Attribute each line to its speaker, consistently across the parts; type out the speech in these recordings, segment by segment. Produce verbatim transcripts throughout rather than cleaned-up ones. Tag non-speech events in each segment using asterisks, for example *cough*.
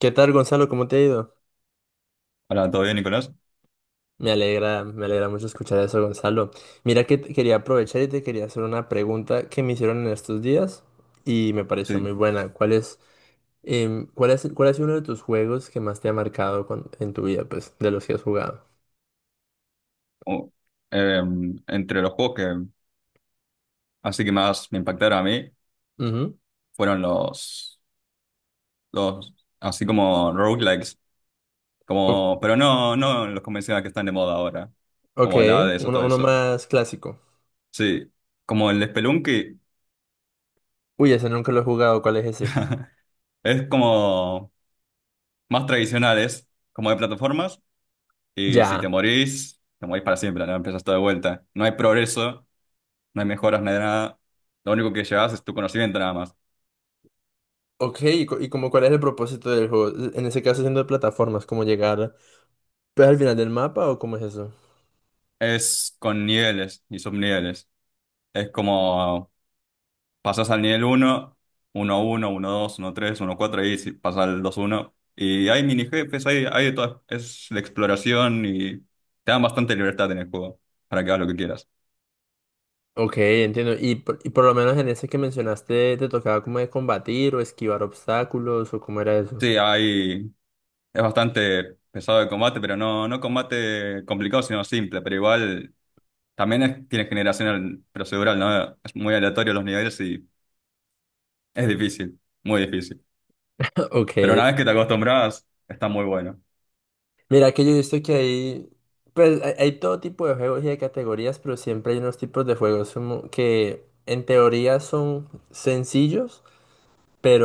Speaker 1: ¿Qué tal, Gonzalo? ¿Cómo te ha ido?
Speaker 2: Hola, ¿todo bien, Nicolás?
Speaker 1: Me alegra, me alegra mucho escuchar eso, Gonzalo. Mira que te quería aprovechar y te quería hacer una pregunta que me hicieron en estos días y me pareció muy
Speaker 2: Sí.
Speaker 1: buena. ¿Cuál es, em, cuál es, cuál ha sido uno de tus juegos que más te ha marcado con- en tu vida, pues, de los que has jugado?
Speaker 2: Oh, em, entre los juegos que así que más me impactaron a mí
Speaker 1: Ujú.
Speaker 2: fueron los, los así como roguelikes,
Speaker 1: O-
Speaker 2: como, pero no, no los convencionales que están de moda ahora,
Speaker 1: ok,
Speaker 2: como el Hades o
Speaker 1: uno,
Speaker 2: todo
Speaker 1: uno
Speaker 2: eso.
Speaker 1: más clásico.
Speaker 2: Sí, como el Spelunky
Speaker 1: Uy, ese nunca lo he jugado, ¿cuál es ese?
Speaker 2: *laughs* es como más tradicionales, como de plataformas, y si te
Speaker 1: Ya.
Speaker 2: morís, te morís para siempre, no empiezas todo de vuelta. No hay progreso, no hay mejoras, no hay nada. Lo único que llevas es tu conocimiento nada más.
Speaker 1: Ok, y, co- y ¿como cuál es el propósito del juego? En ese caso, siendo de plataformas, ¿cómo llegar pues, al final del mapa o cómo es eso?
Speaker 2: Es con niveles y subniveles. Es como pasas al nivel uno uno uno uno dos uno tres uno cuatro y si- pasas al dos uno. Y hay mini jefes, hay, hay de todas. Es la exploración y te dan bastante libertad en el juego para que hagas lo que quieras.
Speaker 1: Ok, entiendo. Y por, y por lo menos en ese que mencionaste, ¿te tocaba como de combatir o esquivar obstáculos o cómo era eso?
Speaker 2: Sí, hay, es bastante pesado el combate, pero no, no combate complicado, sino simple. Pero igual también es- tiene generación procedural, ¿no? Es muy aleatorio los niveles y es difícil, muy difícil.
Speaker 1: *laughs*
Speaker 2: Pero
Speaker 1: Ok.
Speaker 2: una vez que te acostumbras, está muy bueno.
Speaker 1: Mira que yo he visto que hay, Pues hay, hay todo tipo de juegos y de categorías, pero siempre hay unos tipos de juegos como que en teoría son sencillos.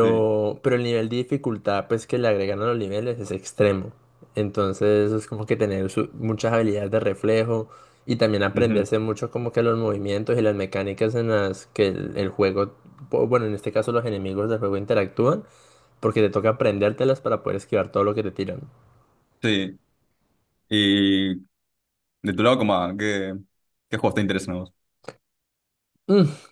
Speaker 2: Sí,
Speaker 1: Pero el nivel de dificultad, pues, que le agregan a los niveles es extremo. Entonces, es como que tener su- muchas habilidades de reflejo y también
Speaker 2: ujú,
Speaker 1: aprenderse mucho como que los movimientos y las mecánicas en las que el, el juego, bu- bueno, en este caso los enemigos del juego interactúan, porque te toca aprendértelas para poder esquivar todo lo que te tiran.
Speaker 2: sí. Y de tu lado, como, ah, ¿qué, qué juegos te interesan a vos?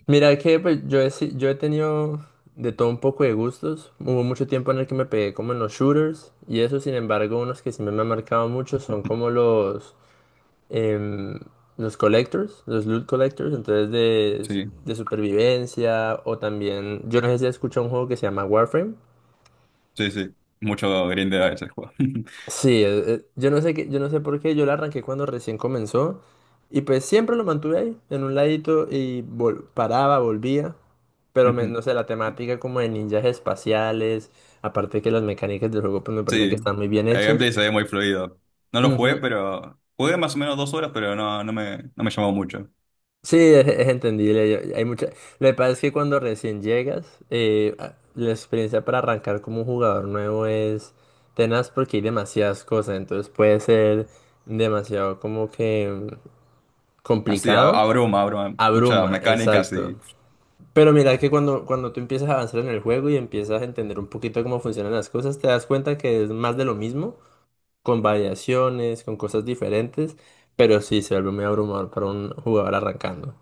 Speaker 1: Mira que pues, yo he, si- yo he tenido de todo un poco de gustos. Hubo mucho tiempo en el que me pegué como en los shooters y eso, sin embargo, unos que sí me han marcado mucho son como los em, los collectors, los loot collectors, entonces de,
Speaker 2: Sí,
Speaker 1: de supervivencia o también, yo no sé si has escuchado un juego que se llama Warframe.
Speaker 2: sí, sí. Mucho grindeo ese juego. *laughs*
Speaker 1: Sí, eh, eh, yo no sé qué, yo no sé por qué, yo la arranqué cuando recién comenzó y pues siempre lo mantuve ahí, en un ladito y vol- paraba, volvía, pero me-
Speaker 2: Ujú,
Speaker 1: no sé, la temática como de ninjas espaciales, aparte que las mecánicas del juego pues me parece que
Speaker 2: sí,
Speaker 1: están muy bien
Speaker 2: el
Speaker 1: hechas.
Speaker 2: gameplay se ve muy fluido. No lo jugué, pero jugué más o menos dos horas, pero no, no me, no me llamó mucho.
Speaker 1: Sí, es, es entendible. Yo- hay mucha... Lo que pasa es que cuando recién llegas, eh, a- la experiencia para arrancar como un jugador nuevo es tenaz porque hay demasiadas cosas. Entonces puede ser demasiado como que mm,
Speaker 2: Así, a-
Speaker 1: complicado.
Speaker 2: abruma, abruma. Muchas
Speaker 1: Abruma,
Speaker 2: mecánicas
Speaker 1: exacto.
Speaker 2: y...
Speaker 1: Pero mira que cuando, cuando tú empiezas a avanzar en el juego y empiezas a entender un poquito cómo funcionan las cosas, te das cuenta que es más de lo mismo, con variaciones, con cosas diferentes, pero sí se vuelve muy abrumador para un jugador arrancando.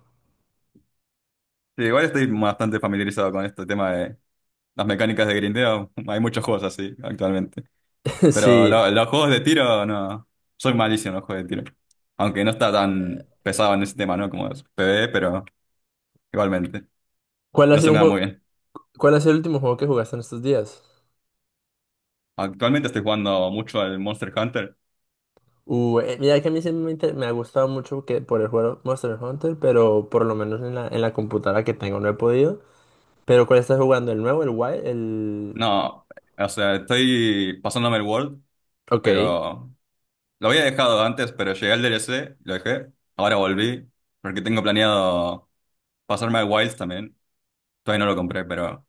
Speaker 2: Sí, igual estoy bastante familiarizado con este tema de las mecánicas de grindeo. *laughs* Hay muchos juegos así actualmente.
Speaker 1: *laughs*
Speaker 2: Pero
Speaker 1: Sí.
Speaker 2: lo- los juegos de tiro, no. Soy malísimo en los juegos de tiro. Aunque no está tan pesado en ese tema, ¿no? Como es PvE, pero igualmente.
Speaker 1: ¿Cuál ha
Speaker 2: No se
Speaker 1: sido
Speaker 2: me
Speaker 1: un
Speaker 2: da
Speaker 1: juego?
Speaker 2: muy bien.
Speaker 1: ¿Cuál ha sido el último juego que jugaste en estos días?
Speaker 2: Actualmente estoy jugando mucho al Monster Hunter.
Speaker 1: Uh, eh, mira que a mí siempre me, inter- me ha gustado mucho que por el juego Monster Hunter, pero por lo menos en la, en la computadora que tengo no he podido. Pero ¿cuál estás jugando? ¿El nuevo? ¿El Wild? El...
Speaker 2: No, o sea, estoy pasándome el World,
Speaker 1: Ok,
Speaker 2: pero lo había dejado antes, pero llegué al D L C, lo dejé. Ahora volví, porque tengo planeado pasarme al Wilds también. Todavía no lo compré, pero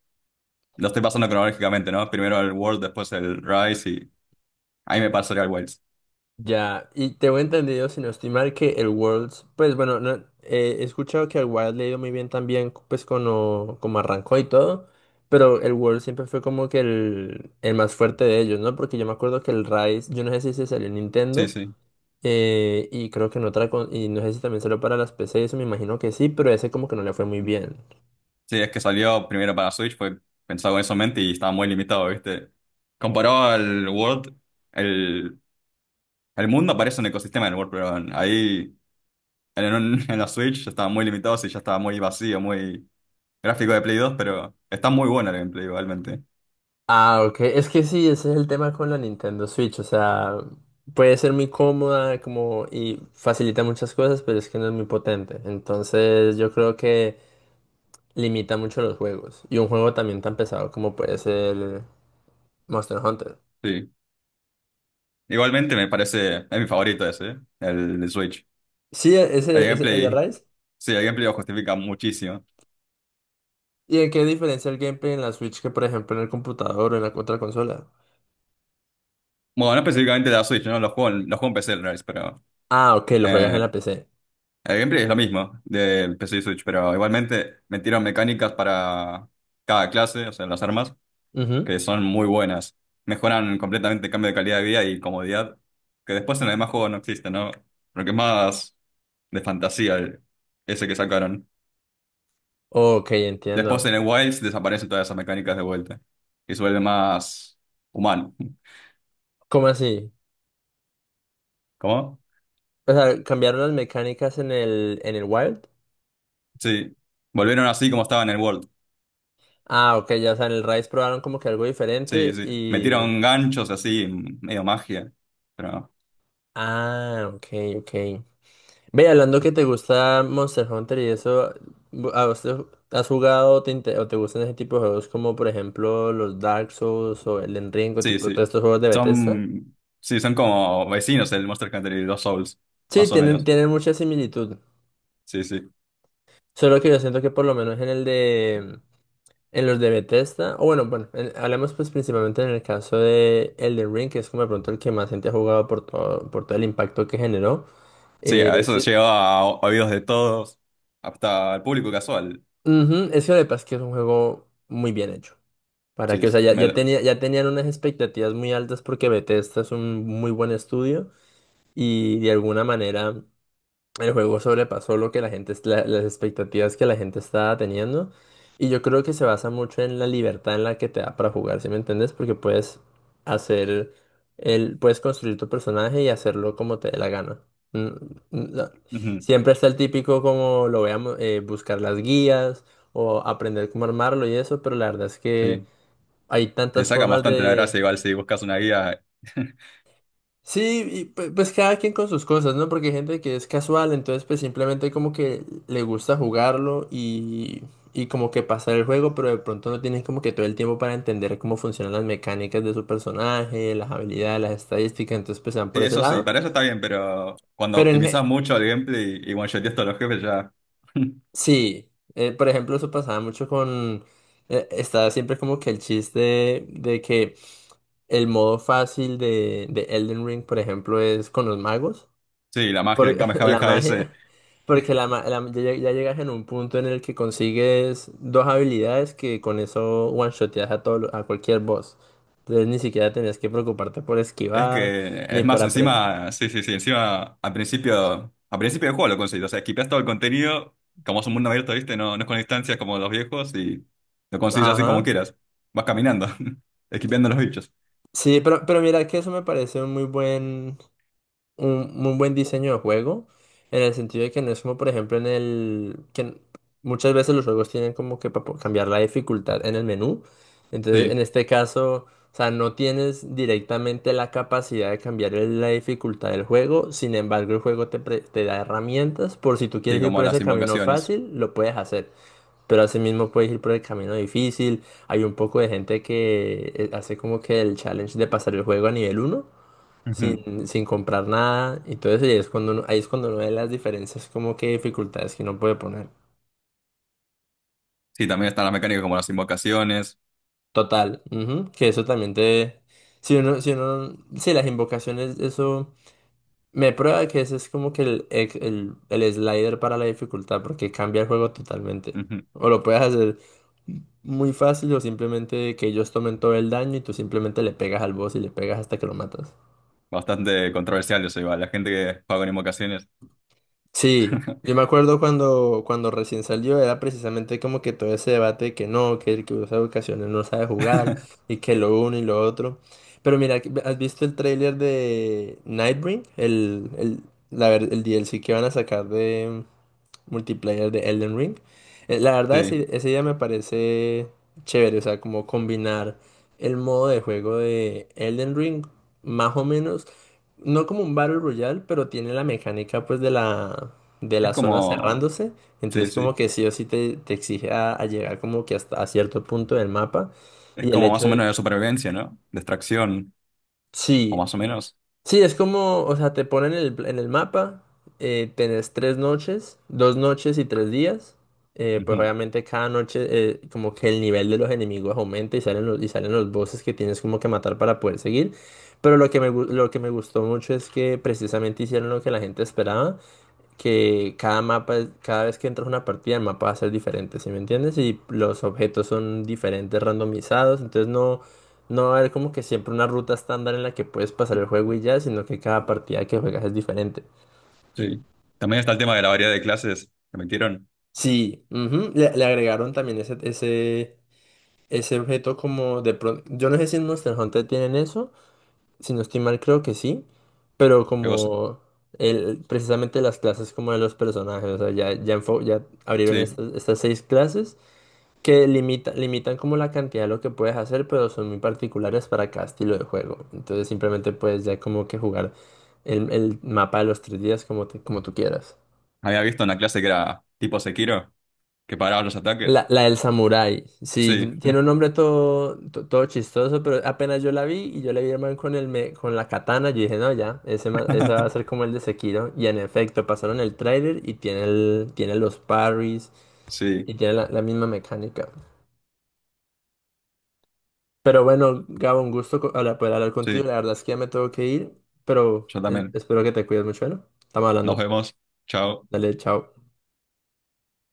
Speaker 2: lo estoy pasando cronológicamente, ¿no? Primero el World, después el Rise y ahí me pasaré al Wilds.
Speaker 1: ya. Y tengo entendido, si no estoy mal, que el Worlds, pues bueno, no, eh, he escuchado que el Wild le ha ido muy bien también, pues como, como arrancó y todo. Pero el World siempre fue como que el, el más fuerte de ellos, ¿no? Porque yo me acuerdo que el Rise, yo no sé si se salió en
Speaker 2: Sí,
Speaker 1: Nintendo.
Speaker 2: sí.
Speaker 1: Eh, y creo que en otra, con- y no sé si también salió para las P C, eso me imagino que sí, pero ese como que no le fue muy bien.
Speaker 2: Sí, es que salió primero para Switch, fue pensado con eso en mente y estaba muy limitado, ¿viste? Comparado al World, el, el mundo parece un ecosistema del World, pero ahí en, un- *laughs* en la Switch estaba muy limitado, sí, ya estaba muy vacío, muy gráfico de Play dos, pero está muy bueno el gameplay igualmente.
Speaker 1: Ah, ok, es que sí, ese es el tema con la Nintendo Switch, o sea, puede ser muy cómoda como y facilita muchas cosas, pero es que no es muy potente. Entonces yo creo que limita mucho los juegos. Y un juego también tan pesado como puede ser Monster Hunter.
Speaker 2: Sí, igualmente me parece, es mi favorito ese, ¿eh? El de Switch.
Speaker 1: Sí, e-
Speaker 2: El
Speaker 1: ese es el de
Speaker 2: gameplay,
Speaker 1: Rise.
Speaker 2: sí, el gameplay lo justifica muchísimo.
Speaker 1: ¿Y en qué diferencia el gameplay en la Switch que por ejemplo en el computador o en la otra consola?
Speaker 2: Bueno, no específicamente de la Switch, ¿no? Los juegos, los juegos en P C, en realidad, pero...
Speaker 1: Ah, ok, lo juegas en
Speaker 2: eh,
Speaker 1: la P C.
Speaker 2: el gameplay es lo mismo del P C y Switch, pero igualmente metieron mecánicas para cada clase, o sea, las armas, que son muy buenas. Mejoran completamente el cambio de calidad de vida y comodidad, que después en el demás juego no existe, ¿no? Lo que es más de fantasía el- ese que sacaron.
Speaker 1: Ok,
Speaker 2: Después
Speaker 1: entiendo.
Speaker 2: en el Wilds desaparecen todas esas mecánicas de vuelta y se vuelve más humano. *laughs*
Speaker 1: ¿Cómo así?
Speaker 2: ¿Cómo?
Speaker 1: O sea, cambiaron las mecánicas en el, en el Wild.
Speaker 2: Sí. Volvieron así como estaba en el World.
Speaker 1: Ah, ok, ya, o sea, en el Rise probaron como que algo
Speaker 2: Sí,
Speaker 1: diferente
Speaker 2: sí.
Speaker 1: y...
Speaker 2: Metieron ganchos así, medio magia. Pero no.
Speaker 1: Ah, ok, ok. Ve, hablando que te gusta Monster Hunter y eso, bu- ¿a vos te- has jugado o te, inte- o te gustan ese tipo de juegos como por ejemplo los Dark Souls o el Enrico,
Speaker 2: Sí,
Speaker 1: tipo
Speaker 2: sí.
Speaker 1: todos estos juegos de Bethesda?
Speaker 2: Son, sí, son como vecinos el Monster Hunter y los Souls,
Speaker 1: Sí,
Speaker 2: más o
Speaker 1: tienen,
Speaker 2: menos.
Speaker 1: tienen mucha similitud.
Speaker 2: Sí, sí.
Speaker 1: Solo que yo siento que por lo menos en el de en los de Bethesda, o bueno, bueno, en- hablemos pues principalmente en el caso de Elden Ring, que es como de pronto el que más gente ha jugado por todo, por todo el impacto que generó.
Speaker 2: Sí, a
Speaker 1: Eh,
Speaker 2: eso
Speaker 1: sí,
Speaker 2: llegaba a oídos de todos, hasta el público casual.
Speaker 1: ujú, es que lo que pasa es que es un juego muy bien hecho. Para
Speaker 2: Sí,
Speaker 1: que, o sea,
Speaker 2: es-
Speaker 1: ya, ya
Speaker 2: me-
Speaker 1: tenía, ya tenían unas expectativas muy altas porque Bethesda es un muy buen estudio y de alguna manera. El juego sobrepasó lo que la gente, es- la- las expectativas que la gente estaba teniendo. Y yo creo que se basa mucho en la libertad en la que te da para jugar, ¿sí me entiendes? Porque puedes hacer el, puedes construir tu personaje y hacerlo como te dé la gana. Mm, mm, la-
Speaker 2: ujú,
Speaker 1: Siempre está el típico como lo veamos, eh, buscar las guías o aprender cómo armarlo y eso, pero la verdad es que
Speaker 2: sí.
Speaker 1: hay
Speaker 2: Le
Speaker 1: tantas
Speaker 2: sacan
Speaker 1: formas.
Speaker 2: bastante la gracia igual si buscas una guía. *laughs*
Speaker 1: Sí, y pu- pues cada quien con sus cosas, ¿no? Porque hay gente que es casual, entonces pues simplemente como que le gusta jugarlo y, y como que pasar el juego, pero de pronto no tienen como que todo el tiempo para entender cómo funcionan las mecánicas de su personaje, las habilidades, las estadísticas, entonces pues se van
Speaker 2: Sí,
Speaker 1: por ese
Speaker 2: eso sí,
Speaker 1: lado.
Speaker 2: para eso está bien, pero cuando
Speaker 1: Pero en,
Speaker 2: optimizás
Speaker 1: ge-
Speaker 2: mucho el gameplay y one-shoteas todos los jefes ya... *laughs*
Speaker 1: sí, eh, por ejemplo eso pasaba mucho con, eh, estaba siempre como que el chiste de que el modo fácil de, de Elden Ring, por ejemplo, es con los magos.
Speaker 2: Sí, la magia,
Speaker 1: Por,
Speaker 2: el
Speaker 1: *laughs* la
Speaker 2: Kamehameha ese.
Speaker 1: magia, porque la, ma- la- ya, ya llegas en un punto en el que consigues dos habilidades que con eso one-shoteas a, todo, lo- a cualquier boss. Entonces ni siquiera tenías que preocuparte por
Speaker 2: Es
Speaker 1: esquivar,
Speaker 2: que,
Speaker 1: ni
Speaker 2: es
Speaker 1: por
Speaker 2: más,
Speaker 1: aprender.
Speaker 2: encima, sí, sí, sí, encima, al principio, al principio del juego lo conseguís, o sea, esquipeás todo el contenido, como es un mundo abierto, ¿viste? No, no es con distancias como los viejos y lo consigues así como
Speaker 1: Ajá.
Speaker 2: quieras, vas caminando, *laughs* esquipeando los bichos,
Speaker 1: Sí, pero, pero mira que eso me parece un muy buen, un muy buen diseño de juego, en el sentido de que no es como, por ejemplo, en el que n- muchas veces los juegos tienen como que para cambiar la dificultad en el menú. Entonces, en
Speaker 2: sí,
Speaker 1: este caso, o sea, no tienes directamente la capacidad de cambiar el- la dificultad del juego, sin embargo, el juego te, pre- te da herramientas por si tú quieres
Speaker 2: sí,
Speaker 1: ir
Speaker 2: como
Speaker 1: por ese
Speaker 2: las
Speaker 1: camino
Speaker 2: invocaciones.
Speaker 1: fácil, lo puedes hacer. Pero asimismo puedes ir por el camino difícil. Hay un poco de gente que eh, hace como que el challenge de pasar el juego a nivel uno
Speaker 2: Ujú.
Speaker 1: sin, sin comprar nada. Y entonces ahí es cuando uno, ahí es cuando uno ve las diferencias, como que dificultades que uno puede poner.
Speaker 2: Sí, también están las mecánicas como las invocaciones.
Speaker 1: Total, ujú, que eso también te... Si uno, si uno, si las invocaciones, eso me prueba que ese es como que el, ex- el, el slider para la dificultad, porque cambia el juego totalmente.
Speaker 2: Ujú.
Speaker 1: O lo puedes hacer muy fácil o simplemente que ellos tomen todo el daño y tú simplemente le pegas al boss y le pegas hasta que lo matas.
Speaker 2: Bastante controversial eso igual, la gente que juega con invocaciones,
Speaker 1: Sí, yo me acuerdo cuando, cuando recién salió, era precisamente como que todo ese debate de que no, que el que usa ocasiones no sabe jugar y que lo uno y lo otro. Pero mira, que- ¿has visto el tráiler de Nightbring? El, el, la, ver- el D L C que van a sacar de multiplayer de Elden Ring. Eh, La verdad,
Speaker 2: sí,
Speaker 1: ese- esa idea me parece chévere, o sea, como combinar el modo de juego de Elden Ring, más o menos, no como un Battle Royale, pero tiene la mecánica pues de la, de
Speaker 2: es
Speaker 1: la zona
Speaker 2: como,
Speaker 1: cerrándose,
Speaker 2: sí,
Speaker 1: entonces como
Speaker 2: sí,
Speaker 1: que sí o sí te, te exige a, a llegar como que hasta a cierto punto del mapa,
Speaker 2: es
Speaker 1: y el
Speaker 2: como más
Speaker 1: hecho
Speaker 2: o
Speaker 1: de...
Speaker 2: menos de supervivencia, ¿no? Distracción, o
Speaker 1: Sí,
Speaker 2: más o menos.
Speaker 1: sí, es como, o sea, te ponen el, en el mapa, eh, tenés tres noches, dos noches y tres días. Eh, pues obviamente cada noche eh, como que el nivel de los enemigos aumenta y salen los, y salen los bosses que tienes como que matar para poder seguir. Pero lo que me, gu- lo que me gustó mucho es que precisamente hicieron lo que la gente esperaba, que cada mapa, es- cada vez que entras a una partida, el mapa va a ser diferente, ¿sí me entiendes? Y los objetos son diferentes, randomizados, entonces no, no va a haber como que siempre una ruta estándar en la que puedes pasar el juego y ya, sino que cada partida que juegas es diferente.
Speaker 2: Sí. También está el tema de la variedad de clases que metieron.
Speaker 1: Sí, ujú, Le, le agregaron también ese, ese, ese objeto como de pronto, yo no sé si en Monster Hunter tienen eso, si no estoy mal creo que sí, pero
Speaker 2: Qué cosa.
Speaker 1: como... El, precisamente las clases como de los personajes, o sea, ya, ya, enfo- ya abrieron
Speaker 2: Sí.
Speaker 1: estas, estas seis clases que limita, limitan como la cantidad de lo que puedes hacer, pero son muy particulares para cada estilo de juego. Entonces simplemente puedes ya como que jugar el, el mapa de los tres días como, te- como tú quieras.
Speaker 2: Había visto una clase que era tipo Sekiro, que paraba los ataques.
Speaker 1: La, la del samurái, sí,
Speaker 2: Sí.
Speaker 1: tiene un nombre todo, to- todo chistoso, pero apenas yo la vi y yo le vi al man con, el me- con la katana, yo dije, no, ya, ese, ma- ese va a
Speaker 2: *laughs*
Speaker 1: ser como el de Sekiro. Y en efecto, pasaron el trailer y tiene, el, tiene los parries
Speaker 2: Sí,
Speaker 1: y tiene la la misma mecánica. Pero bueno, Gabo, un gusto co- hablar- poder hablar contigo.
Speaker 2: sí.
Speaker 1: La verdad es que ya me tengo que ir, pero
Speaker 2: Yo
Speaker 1: eh,
Speaker 2: también.
Speaker 1: espero que te cuides mucho, ¿no? Estamos
Speaker 2: Nos
Speaker 1: hablando.
Speaker 2: vemos. Chao.
Speaker 1: Dale, chao.